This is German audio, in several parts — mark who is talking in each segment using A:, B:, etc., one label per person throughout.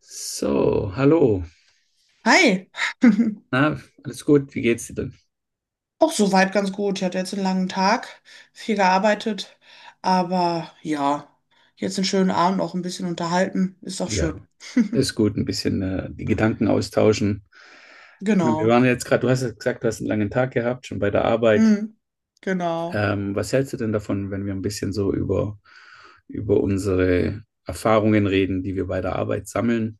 A: So, hallo.
B: Hi,
A: Na, alles gut? Wie geht's dir denn?
B: auch soweit ganz gut. Ich hatte jetzt einen langen Tag, viel gearbeitet, aber ja, jetzt einen schönen Abend, auch ein bisschen unterhalten, ist doch schön.
A: Ja, ist gut. Ein bisschen die Gedanken austauschen. Ich meine, wir
B: Genau,
A: waren jetzt gerade, du hast ja gesagt, du hast einen langen Tag gehabt, schon bei der Arbeit.
B: mhm. Genau.
A: Was hältst du denn davon, wenn wir ein bisschen so über unsere Erfahrungen reden, die wir bei der Arbeit sammeln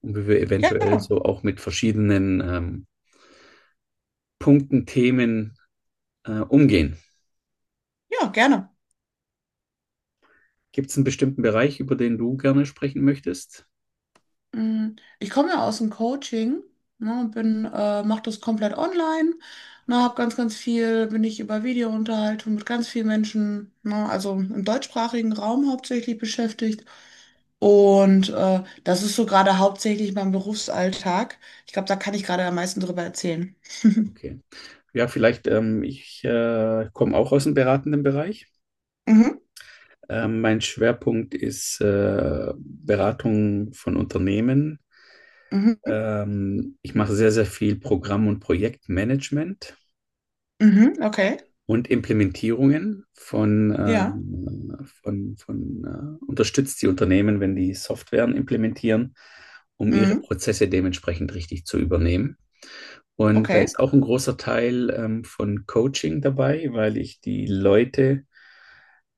A: und wie wir eventuell
B: Gerne,
A: so auch mit verschiedenen Punkten, Themen umgehen?
B: ja, gerne.
A: Gibt es einen bestimmten Bereich, über den du gerne sprechen möchtest?
B: Mm, ich komme ja aus dem Coaching, ne, und bin, mache das komplett online, ne, habe ganz, ganz viel, bin ich über Videounterhaltung mit ganz vielen Menschen, ne, also im deutschsprachigen Raum hauptsächlich beschäftigt. Und das ist so gerade hauptsächlich mein Berufsalltag. Ich glaube, da kann ich gerade am meisten drüber erzählen.
A: Okay. Ja, vielleicht, ich komme auch aus dem beratenden Bereich.
B: Mhm,
A: Mein Schwerpunkt ist Beratung von Unternehmen.
B: mhm,
A: Ich mache sehr, sehr viel Programm- und Projektmanagement
B: mhm, okay,
A: und Implementierungen von,
B: ja,
A: ähm, von, von äh, unterstützt die Unternehmen, wenn die Softwaren implementieren, um ihre
B: mhm,
A: Prozesse dementsprechend richtig zu übernehmen. Und da
B: okay,
A: ist auch ein großer Teil von Coaching dabei, weil ich die Leute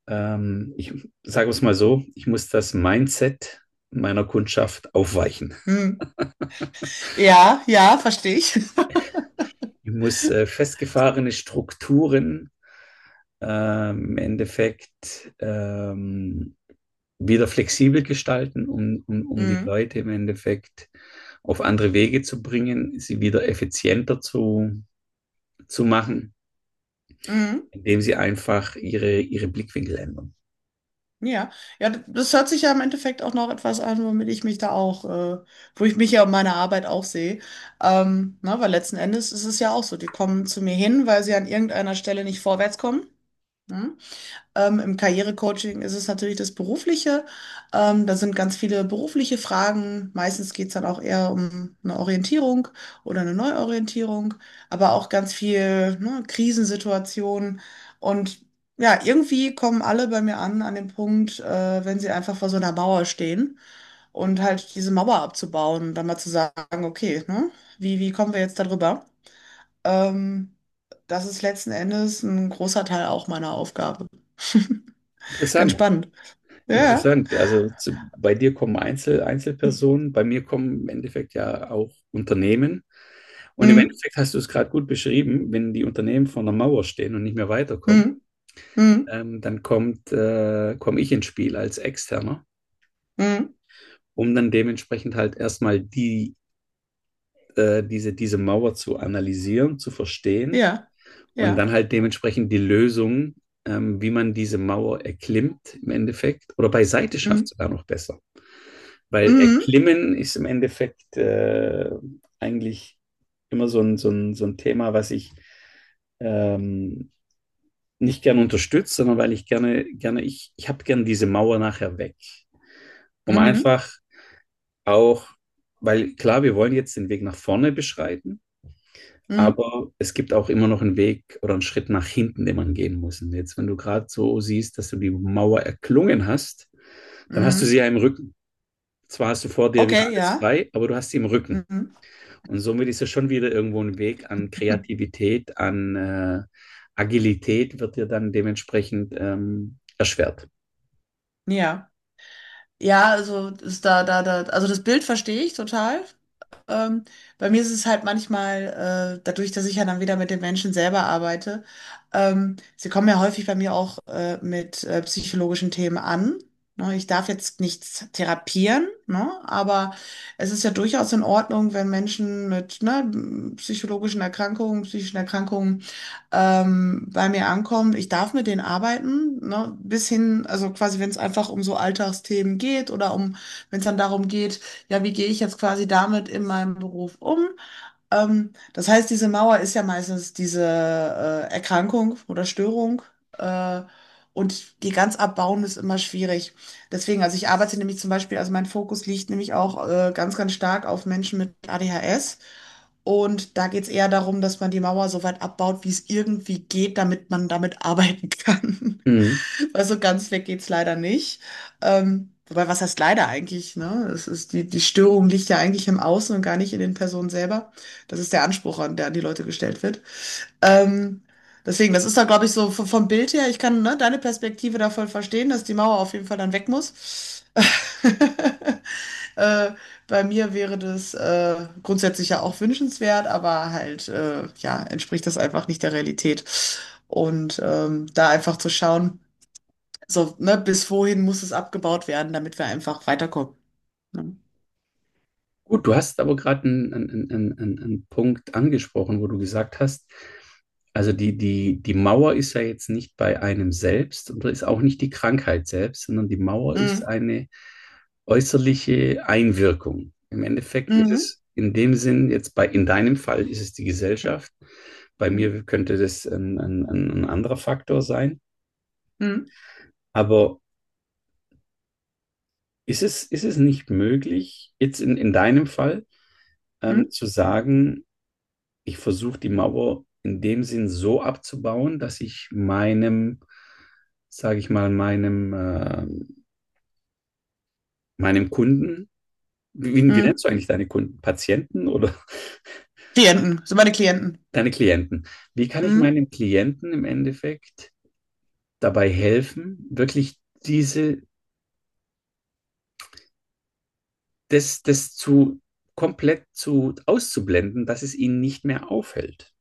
A: ich sage es mal so, ich muss das Mindset meiner Kundschaft aufweichen.
B: mhm. Ja, ja, verstehe ich.
A: Ich muss festgefahrene Strukturen im Endeffekt wieder flexibel gestalten, um die
B: Mhm,
A: Leute im Endeffekt auf andere Wege zu bringen, sie wieder effizienter zu machen,
B: mhm.
A: indem sie einfach ihre Blickwinkel ändern.
B: Ja, ja, das hört sich ja im Endeffekt auch noch etwas an, womit ich mich da auch, wo ich mich ja um meine Arbeit auch sehe. Na, weil letzten Endes ist es ja auch so, die kommen zu mir hin, weil sie an irgendeiner Stelle nicht vorwärts kommen, ne? Im Karrierecoaching ist es natürlich das Berufliche. Da sind ganz viele berufliche Fragen. Meistens geht es dann auch eher um eine Orientierung oder eine Neuorientierung, aber auch ganz viel, ne, Krisensituationen. Und ja, irgendwie kommen alle bei mir an, an den Punkt, wenn sie einfach vor so einer Mauer stehen und halt diese Mauer abzubauen und dann mal zu sagen, okay, ne, wie, wie kommen wir jetzt darüber? Ähm, Das ist letzten Endes ein großer Teil auch meiner Aufgabe. Ganz
A: Interessant.
B: spannend. Ja. Ja.
A: Interessant. Also bei dir kommen Einzelpersonen, bei mir kommen im Endeffekt ja auch Unternehmen. Und im
B: Mhm.
A: Endeffekt hast du es gerade gut beschrieben, wenn die Unternehmen vor einer Mauer stehen und nicht mehr weiterkommen,
B: Mhm. Mhm.
A: dann komme ich ins Spiel als Externer,
B: Mhm.
A: um dann dementsprechend halt erstmal die diese Mauer zu analysieren, zu verstehen
B: Ja.
A: und dann
B: Ja.
A: halt dementsprechend die Lösung, wie man diese Mauer erklimmt im Endeffekt oder beiseite schafft
B: Mhm.
A: sogar noch besser. Weil
B: Mhm.
A: Erklimmen ist im Endeffekt eigentlich immer so ein Thema, was ich ähm, nicht gern unterstütze, sondern weil ich gerne, ich habe gern diese Mauer nachher weg. Um
B: Mhm.
A: einfach auch, weil klar, wir wollen jetzt den Weg nach vorne beschreiten,
B: Mhm.
A: aber es gibt auch immer noch einen Weg oder einen Schritt nach hinten, den man gehen muss. Und jetzt, wenn du gerade so siehst, dass du die Mauer erklungen hast, dann hast du sie
B: Mhm.
A: ja im Rücken. Zwar hast du vor dir wieder
B: Okay,
A: alles
B: ja.
A: frei, aber du hast sie im Rücken.
B: Mhm.
A: Und somit ist ja schon wieder irgendwo ein Weg an Kreativität, an Agilität wird dir dann dementsprechend erschwert.
B: Ja. Ja, also ist da, also das Bild verstehe ich total. Ähm, bei mir ist es halt manchmal, dadurch, dass ich ja dann wieder mit den Menschen selber arbeite, sie kommen ja häufig bei mir auch mit psychologischen Themen an. Ne, ich darf jetzt nichts therapieren, ne, aber es ist ja durchaus in Ordnung, wenn Menschen mit ne, psychologischen Erkrankungen, psychischen Erkrankungen bei mir ankommen. Ich darf mit denen arbeiten, ne? Bis hin, also quasi, wenn es einfach um so Alltagsthemen geht oder um, wenn es dann darum geht, ja, wie gehe ich jetzt quasi damit in meinem Beruf um? Das heißt, diese Mauer ist ja meistens diese Erkrankung oder Störung. Äh, und die ganz abbauen ist immer schwierig. Deswegen, also ich arbeite nämlich zum Beispiel, also mein Fokus liegt nämlich auch ganz, ganz stark auf Menschen mit ADHS. Und da geht es eher darum, dass man die Mauer so weit abbaut, wie es irgendwie geht, damit man damit arbeiten kann.
A: Mhm.
B: Also ganz weg geht's leider nicht. Wobei, was heißt leider eigentlich, ne? Es ist die Störung liegt ja eigentlich im Außen und gar nicht in den Personen selber. Das ist der Anspruch, an die Leute gestellt wird. Ähm, deswegen, das ist da, glaube ich, so vom Bild her, ich kann, ne, deine Perspektive da voll verstehen, dass die Mauer auf jeden Fall dann weg muss. äh, Bei mir wäre das grundsätzlich ja auch wünschenswert, aber halt, ja, entspricht das einfach nicht der Realität. Und da einfach zu schauen, so, ne, bis wohin muss es abgebaut werden, damit wir einfach weiterkommen, ne?
A: Gut, du hast aber gerade einen Punkt angesprochen, wo du gesagt hast, also die Mauer ist ja jetzt nicht bei einem selbst und ist auch nicht die Krankheit selbst, sondern die Mauer ist
B: Mhm.
A: eine äußerliche Einwirkung. Im Endeffekt ist
B: Mhm.
A: es in dem Sinn, jetzt in deinem Fall ist es die Gesellschaft, bei
B: Mhm.
A: mir könnte das ein anderer Faktor sein,
B: Mhm.
A: aber ist es nicht möglich, jetzt in deinem Fall
B: Mhm.
A: zu sagen, ich versuche die Mauer in dem Sinn so abzubauen, dass ich meinem, sage ich mal, meinem Kunden, wie
B: Mhm.
A: nennst du eigentlich deine Kunden? Patienten oder
B: Klienten, sind meine Klienten.
A: deine Klienten? Wie kann ich
B: Mhm.
A: meinem Klienten im Endeffekt dabei helfen, wirklich diese, das zu komplett zu auszublenden, dass es ihnen nicht mehr auffällt?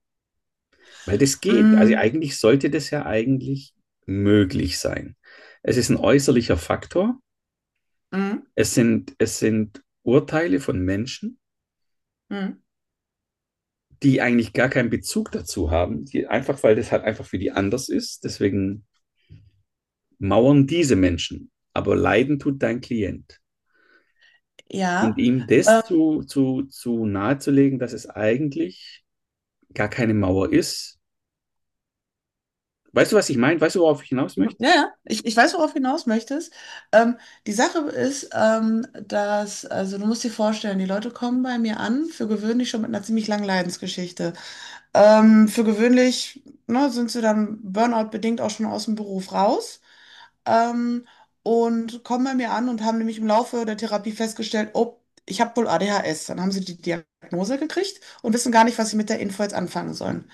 A: Weil das geht. Also
B: Mhm.
A: eigentlich sollte das ja eigentlich möglich sein. Es ist ein äußerlicher Faktor.
B: Mhm.
A: Es sind Urteile von Menschen,
B: Mhm.
A: die eigentlich gar keinen Bezug dazu haben, die einfach, weil das halt einfach für die anders ist. Deswegen mauern diese Menschen. Aber leiden tut dein Klient. Und
B: Ja.
A: ihm das zu nahezulegen, dass es eigentlich gar keine Mauer ist. Weißt du, was ich meine? Weißt du, worauf ich hinaus
B: Ja,
A: möchte?
B: ja, ich weiß, worauf du hinaus möchtest. Ähm, die Sache ist, dass, also du musst dir vorstellen, die Leute kommen bei mir an, für gewöhnlich schon mit einer ziemlich langen Leidensgeschichte. Für gewöhnlich, ne, sind sie dann Burnout-bedingt auch schon aus dem Beruf raus. Ähm, und kommen bei mir an und haben nämlich im Laufe der Therapie festgestellt, oh, ich habe wohl ADHS. Dann haben sie die Diagnose gekriegt und wissen gar nicht, was sie mit der Info jetzt anfangen sollen.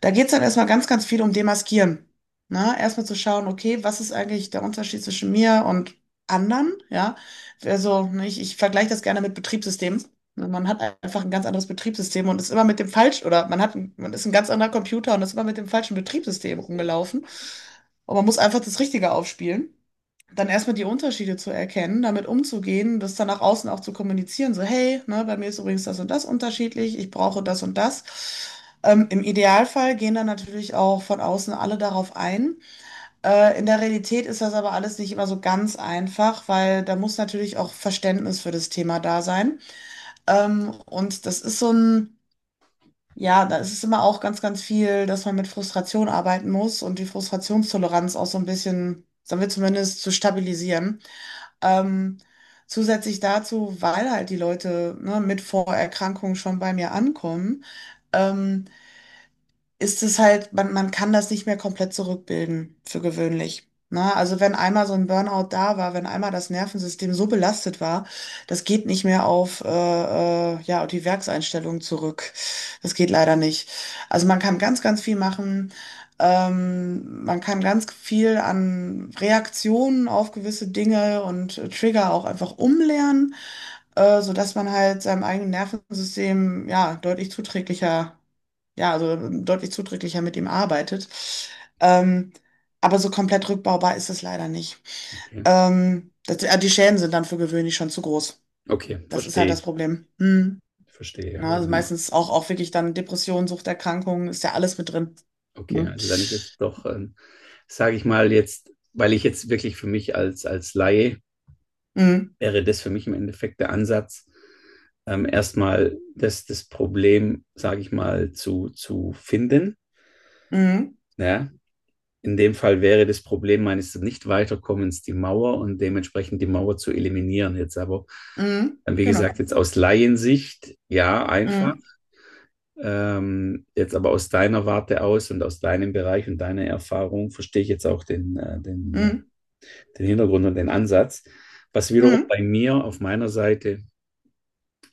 B: Da geht es dann erstmal ganz, ganz viel um Demaskieren. Na, erstmal zu schauen, okay, was ist eigentlich der Unterschied zwischen mir und anderen? Ja, also ne, ich vergleiche das gerne mit Betriebssystemen. Ne, man hat einfach ein ganz anderes Betriebssystem und ist immer mit dem falschen, oder man hat, man ist ein ganz anderer Computer und ist immer mit dem falschen Betriebssystem rumgelaufen. Und man muss einfach das Richtige aufspielen, dann erstmal die Unterschiede zu erkennen, damit umzugehen, das dann nach außen auch zu kommunizieren, so hey, ne, bei mir ist übrigens das und das unterschiedlich, ich brauche das und das. Im Idealfall gehen dann natürlich auch von außen alle darauf ein. In der Realität ist das aber alles nicht immer so ganz einfach, weil da muss natürlich auch Verständnis für das Thema da sein. Und das ist so ein, ja, da ist es immer auch ganz, ganz viel, dass man mit Frustration arbeiten muss und die Frustrationstoleranz auch so ein bisschen, sagen wir zumindest, zu stabilisieren. Ähm, zusätzlich dazu, weil halt die Leute, ne, mit Vorerkrankungen schon bei mir ankommen, ähm, ist es halt, man kann das nicht mehr komplett zurückbilden, für gewöhnlich. Ne? Also wenn einmal so ein Burnout da war, wenn einmal das Nervensystem so belastet war, das geht nicht mehr auf ja, auf die Werkseinstellung zurück. Das geht leider nicht. Also man kann ganz, ganz viel machen. Man kann ganz viel an Reaktionen auf gewisse Dinge und Trigger auch einfach umlernen, sodass man halt seinem eigenen Nervensystem ja deutlich zuträglicher ja, also deutlich zuträglicher mit ihm arbeitet. Ähm, aber so komplett rückbaubar ist es leider nicht.
A: Okay,
B: Die Schäden sind dann für gewöhnlich schon zu groß.
A: okay,
B: Das ist halt
A: verstehe,
B: das Problem. Hm.
A: verstehe.
B: Na, also meistens auch, auch wirklich dann Depressionen, Suchterkrankungen, ist ja alles mit drin.
A: Okay,
B: Ne?
A: also dann ist es doch, sage ich mal jetzt, weil ich jetzt wirklich für mich als Laie
B: Mhm.
A: wäre das für mich im Endeffekt der Ansatz, erstmal das Problem, sage ich mal, zu finden.
B: Mhm.
A: Ja? In dem Fall wäre das Problem meines Nicht-Weiterkommens die Mauer und dementsprechend die Mauer zu eliminieren. Jetzt aber,
B: Mhm.
A: wie
B: Genau.
A: gesagt, jetzt aus Laiensicht, ja, einfach.
B: Mhm.
A: Jetzt aber aus deiner Warte aus und aus deinem Bereich und deiner Erfahrung verstehe ich jetzt auch
B: Mhm.
A: den Hintergrund und den Ansatz. Was wiederum
B: Mhm.
A: bei mir auf meiner Seite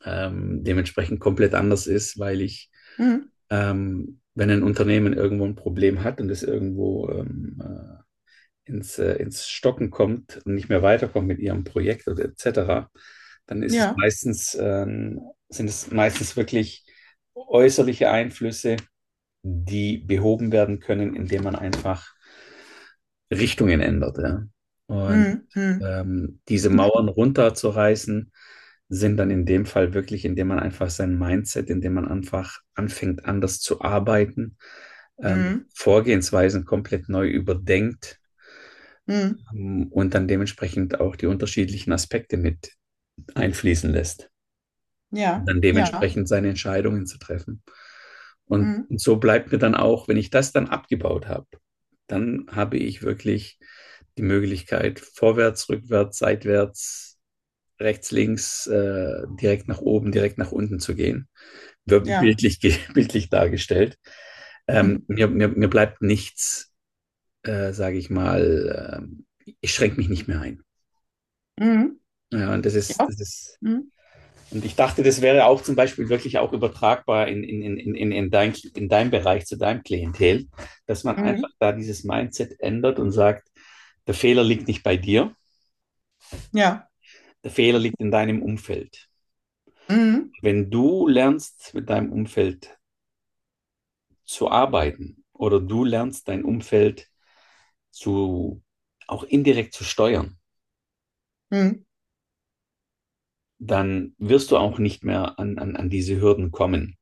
A: dementsprechend komplett anders ist, weil ich,
B: Mhm.
A: ähm, wenn ein Unternehmen irgendwo ein Problem hat und es irgendwo ins Stocken kommt und nicht mehr weiterkommt mit ihrem Projekt oder etc., dann ist es
B: Ja.
A: meistens, sind es meistens wirklich äußerliche Einflüsse, die behoben werden können, indem man einfach Richtungen ändert. Ja. Und
B: Mhm. Mhm.
A: diese Mauern runterzureißen, sind dann in dem Fall wirklich, indem man einfach sein Mindset, indem man einfach anfängt, anders zu arbeiten,
B: Mhm.
A: Vorgehensweisen komplett neu überdenkt
B: Mhm.
A: und dann dementsprechend auch die unterschiedlichen Aspekte mit einfließen lässt und
B: Ja.
A: dann
B: Ja.
A: dementsprechend seine Entscheidungen zu treffen. Und
B: Mhm.
A: so bleibt mir dann auch, wenn ich das dann abgebaut habe, dann habe ich wirklich die Möglichkeit, vorwärts, rückwärts, seitwärts, rechts, links, direkt nach oben, direkt nach unten zu gehen.
B: Ja.
A: Bildlich, bildlich dargestellt. Mir bleibt nichts, sage ich mal, ich schränke mich nicht mehr ein.
B: Mhm.
A: Ja, und das
B: Ja.
A: ist
B: Mhm.
A: und ich dachte, das wäre auch zum Beispiel wirklich auch übertragbar in deinem Bereich, zu deinem Klientel, dass man
B: Mhm.
A: einfach da dieses Mindset ändert und sagt, der Fehler liegt nicht bei dir,
B: Ja.
A: der Fehler liegt in deinem Umfeld.
B: Mhm.
A: Wenn du lernst, mit deinem Umfeld zu arbeiten oder du lernst, dein Umfeld zu, auch indirekt zu steuern,
B: Mhm.
A: dann wirst du auch nicht mehr an diese Hürden kommen.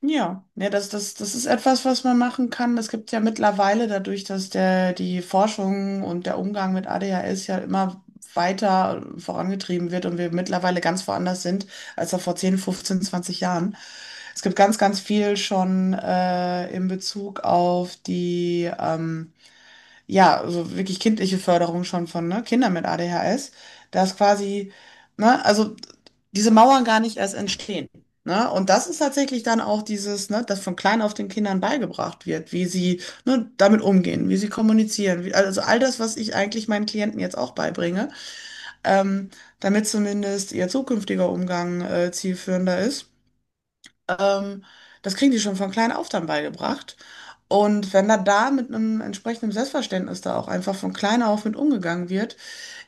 B: Ja, ja, das ist etwas, was man machen kann. Es gibt ja mittlerweile dadurch, dass die Forschung und der Umgang mit ADHS ja immer weiter vorangetrieben wird und wir mittlerweile ganz woanders sind, als noch vor 10, 15, 20 Jahren. Es gibt ganz, ganz viel schon in Bezug auf die ja, also wirklich kindliche Förderung schon von ne, Kindern mit ADHS, dass quasi, ne, also diese Mauern gar nicht erst entstehen. Ne? Und das ist tatsächlich dann auch dieses, ne, dass von klein auf den Kindern beigebracht wird, wie sie ne, damit umgehen, wie sie kommunizieren, wie, also all das, was ich eigentlich meinen Klienten jetzt auch beibringe, ähm, damit zumindest ihr zukünftiger Umgang zielführender ist. Ähm, das kriegen die schon von klein auf dann beigebracht. Und wenn da mit einem entsprechenden Selbstverständnis da auch einfach von klein auf mit umgegangen wird,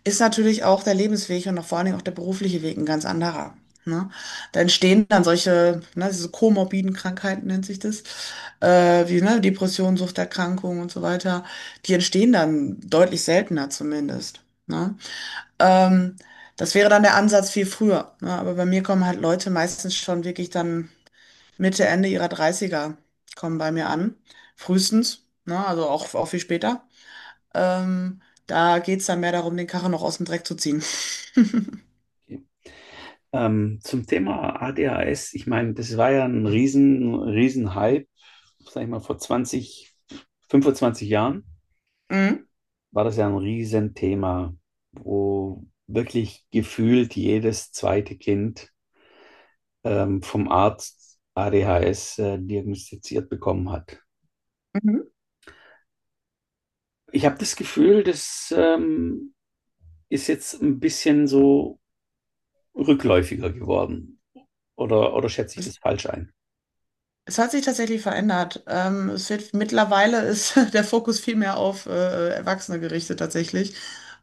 B: ist natürlich auch der Lebensweg und auch vor allen Dingen auch der berufliche Weg ein ganz anderer. Ne? Da entstehen dann solche, ne, diese komorbiden Krankheiten nennt sich das, wie ne, Depression, Suchterkrankungen und so weiter. Die entstehen dann deutlich seltener zumindest. Ne? Ähm, das wäre dann der Ansatz viel früher. Ne? Aber bei mir kommen halt Leute meistens schon wirklich dann Mitte, Ende ihrer Dreißiger kommen bei mir an. Frühestens, ne? Also auch, auch viel später. Da geht es dann mehr darum, den Karren noch aus dem Dreck zu ziehen.
A: Zum Thema ADHS, ich meine, das war ja ein riesen Hype, sag ich mal, vor 20, 25 Jahren
B: Mhm.
A: war das ja ein Riesenthema, wo wirklich gefühlt jedes zweite Kind vom Arzt ADHS diagnostiziert bekommen hat.
B: Mhm.
A: Ich habe das Gefühl, das ist jetzt ein bisschen so rückläufiger geworden. Oder schätze ich das falsch ein?
B: Es hat sich tatsächlich verändert. Es wird, mittlerweile ist der Fokus viel mehr auf Erwachsene gerichtet tatsächlich,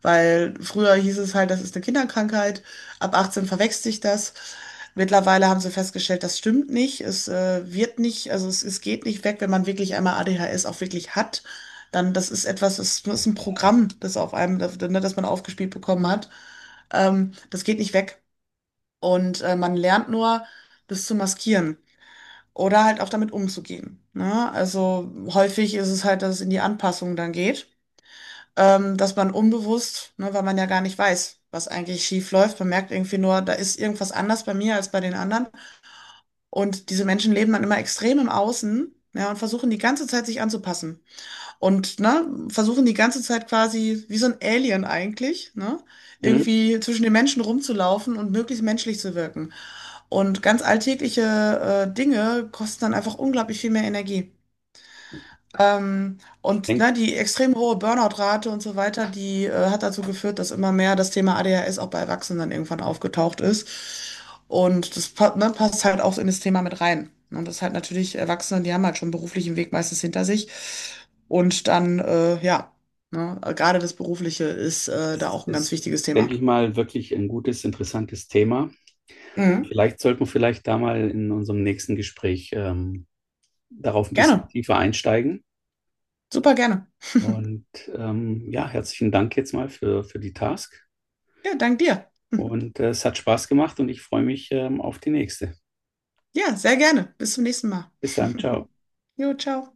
B: weil früher hieß es halt, das ist eine Kinderkrankheit, ab 18 verwächst sich das. Mittlerweile haben sie festgestellt, das stimmt nicht. Es wird nicht, also es geht nicht weg, wenn man wirklich einmal ADHS auch wirklich hat. Dann, das ist etwas, das ist ein Programm, das, ne, das man aufgespielt bekommen hat. Das geht nicht weg. Und man lernt nur, das zu maskieren oder halt auch damit umzugehen. Ne? Also häufig ist es halt, dass es in die Anpassung dann geht, dass man unbewusst, ne, weil man ja gar nicht weiß, was eigentlich schief läuft, man merkt irgendwie nur, da ist irgendwas anders bei mir als bei den anderen. Und diese Menschen leben dann immer extrem im Außen, ja, und versuchen die ganze Zeit sich anzupassen und ne, versuchen die ganze Zeit quasi wie so ein Alien eigentlich, ne,
A: Mhm.
B: irgendwie zwischen den Menschen rumzulaufen und möglichst menschlich zu wirken. Und ganz alltägliche Dinge kosten dann einfach unglaublich viel mehr Energie.
A: Ich
B: Und
A: denke
B: ne, die extrem hohe Burnout-Rate und so weiter, die hat dazu geführt, dass immer mehr das Thema ADHS auch bei Erwachsenen irgendwann aufgetaucht ist. Und das ne, passt halt auch in das Thema mit rein. Und das ist halt natürlich Erwachsene, die haben halt schon einen beruflichen Weg meistens hinter sich. Und dann, ja, ne, gerade das Berufliche ist da
A: es
B: auch ein ganz
A: ist,
B: wichtiges Thema.
A: denke ich mal, wirklich ein gutes, interessantes Thema. Und
B: Mhm.
A: vielleicht sollten wir vielleicht da mal in unserem nächsten Gespräch darauf ein bisschen
B: Gerne,
A: tiefer einsteigen.
B: super gerne.
A: Und ja, herzlichen Dank jetzt mal für die Task.
B: Ja, dank dir.
A: Und es hat Spaß gemacht und ich freue mich auf die nächste.
B: Ja, sehr gerne. Bis zum nächsten Mal.
A: Bis dann, ciao.
B: Jo, ciao.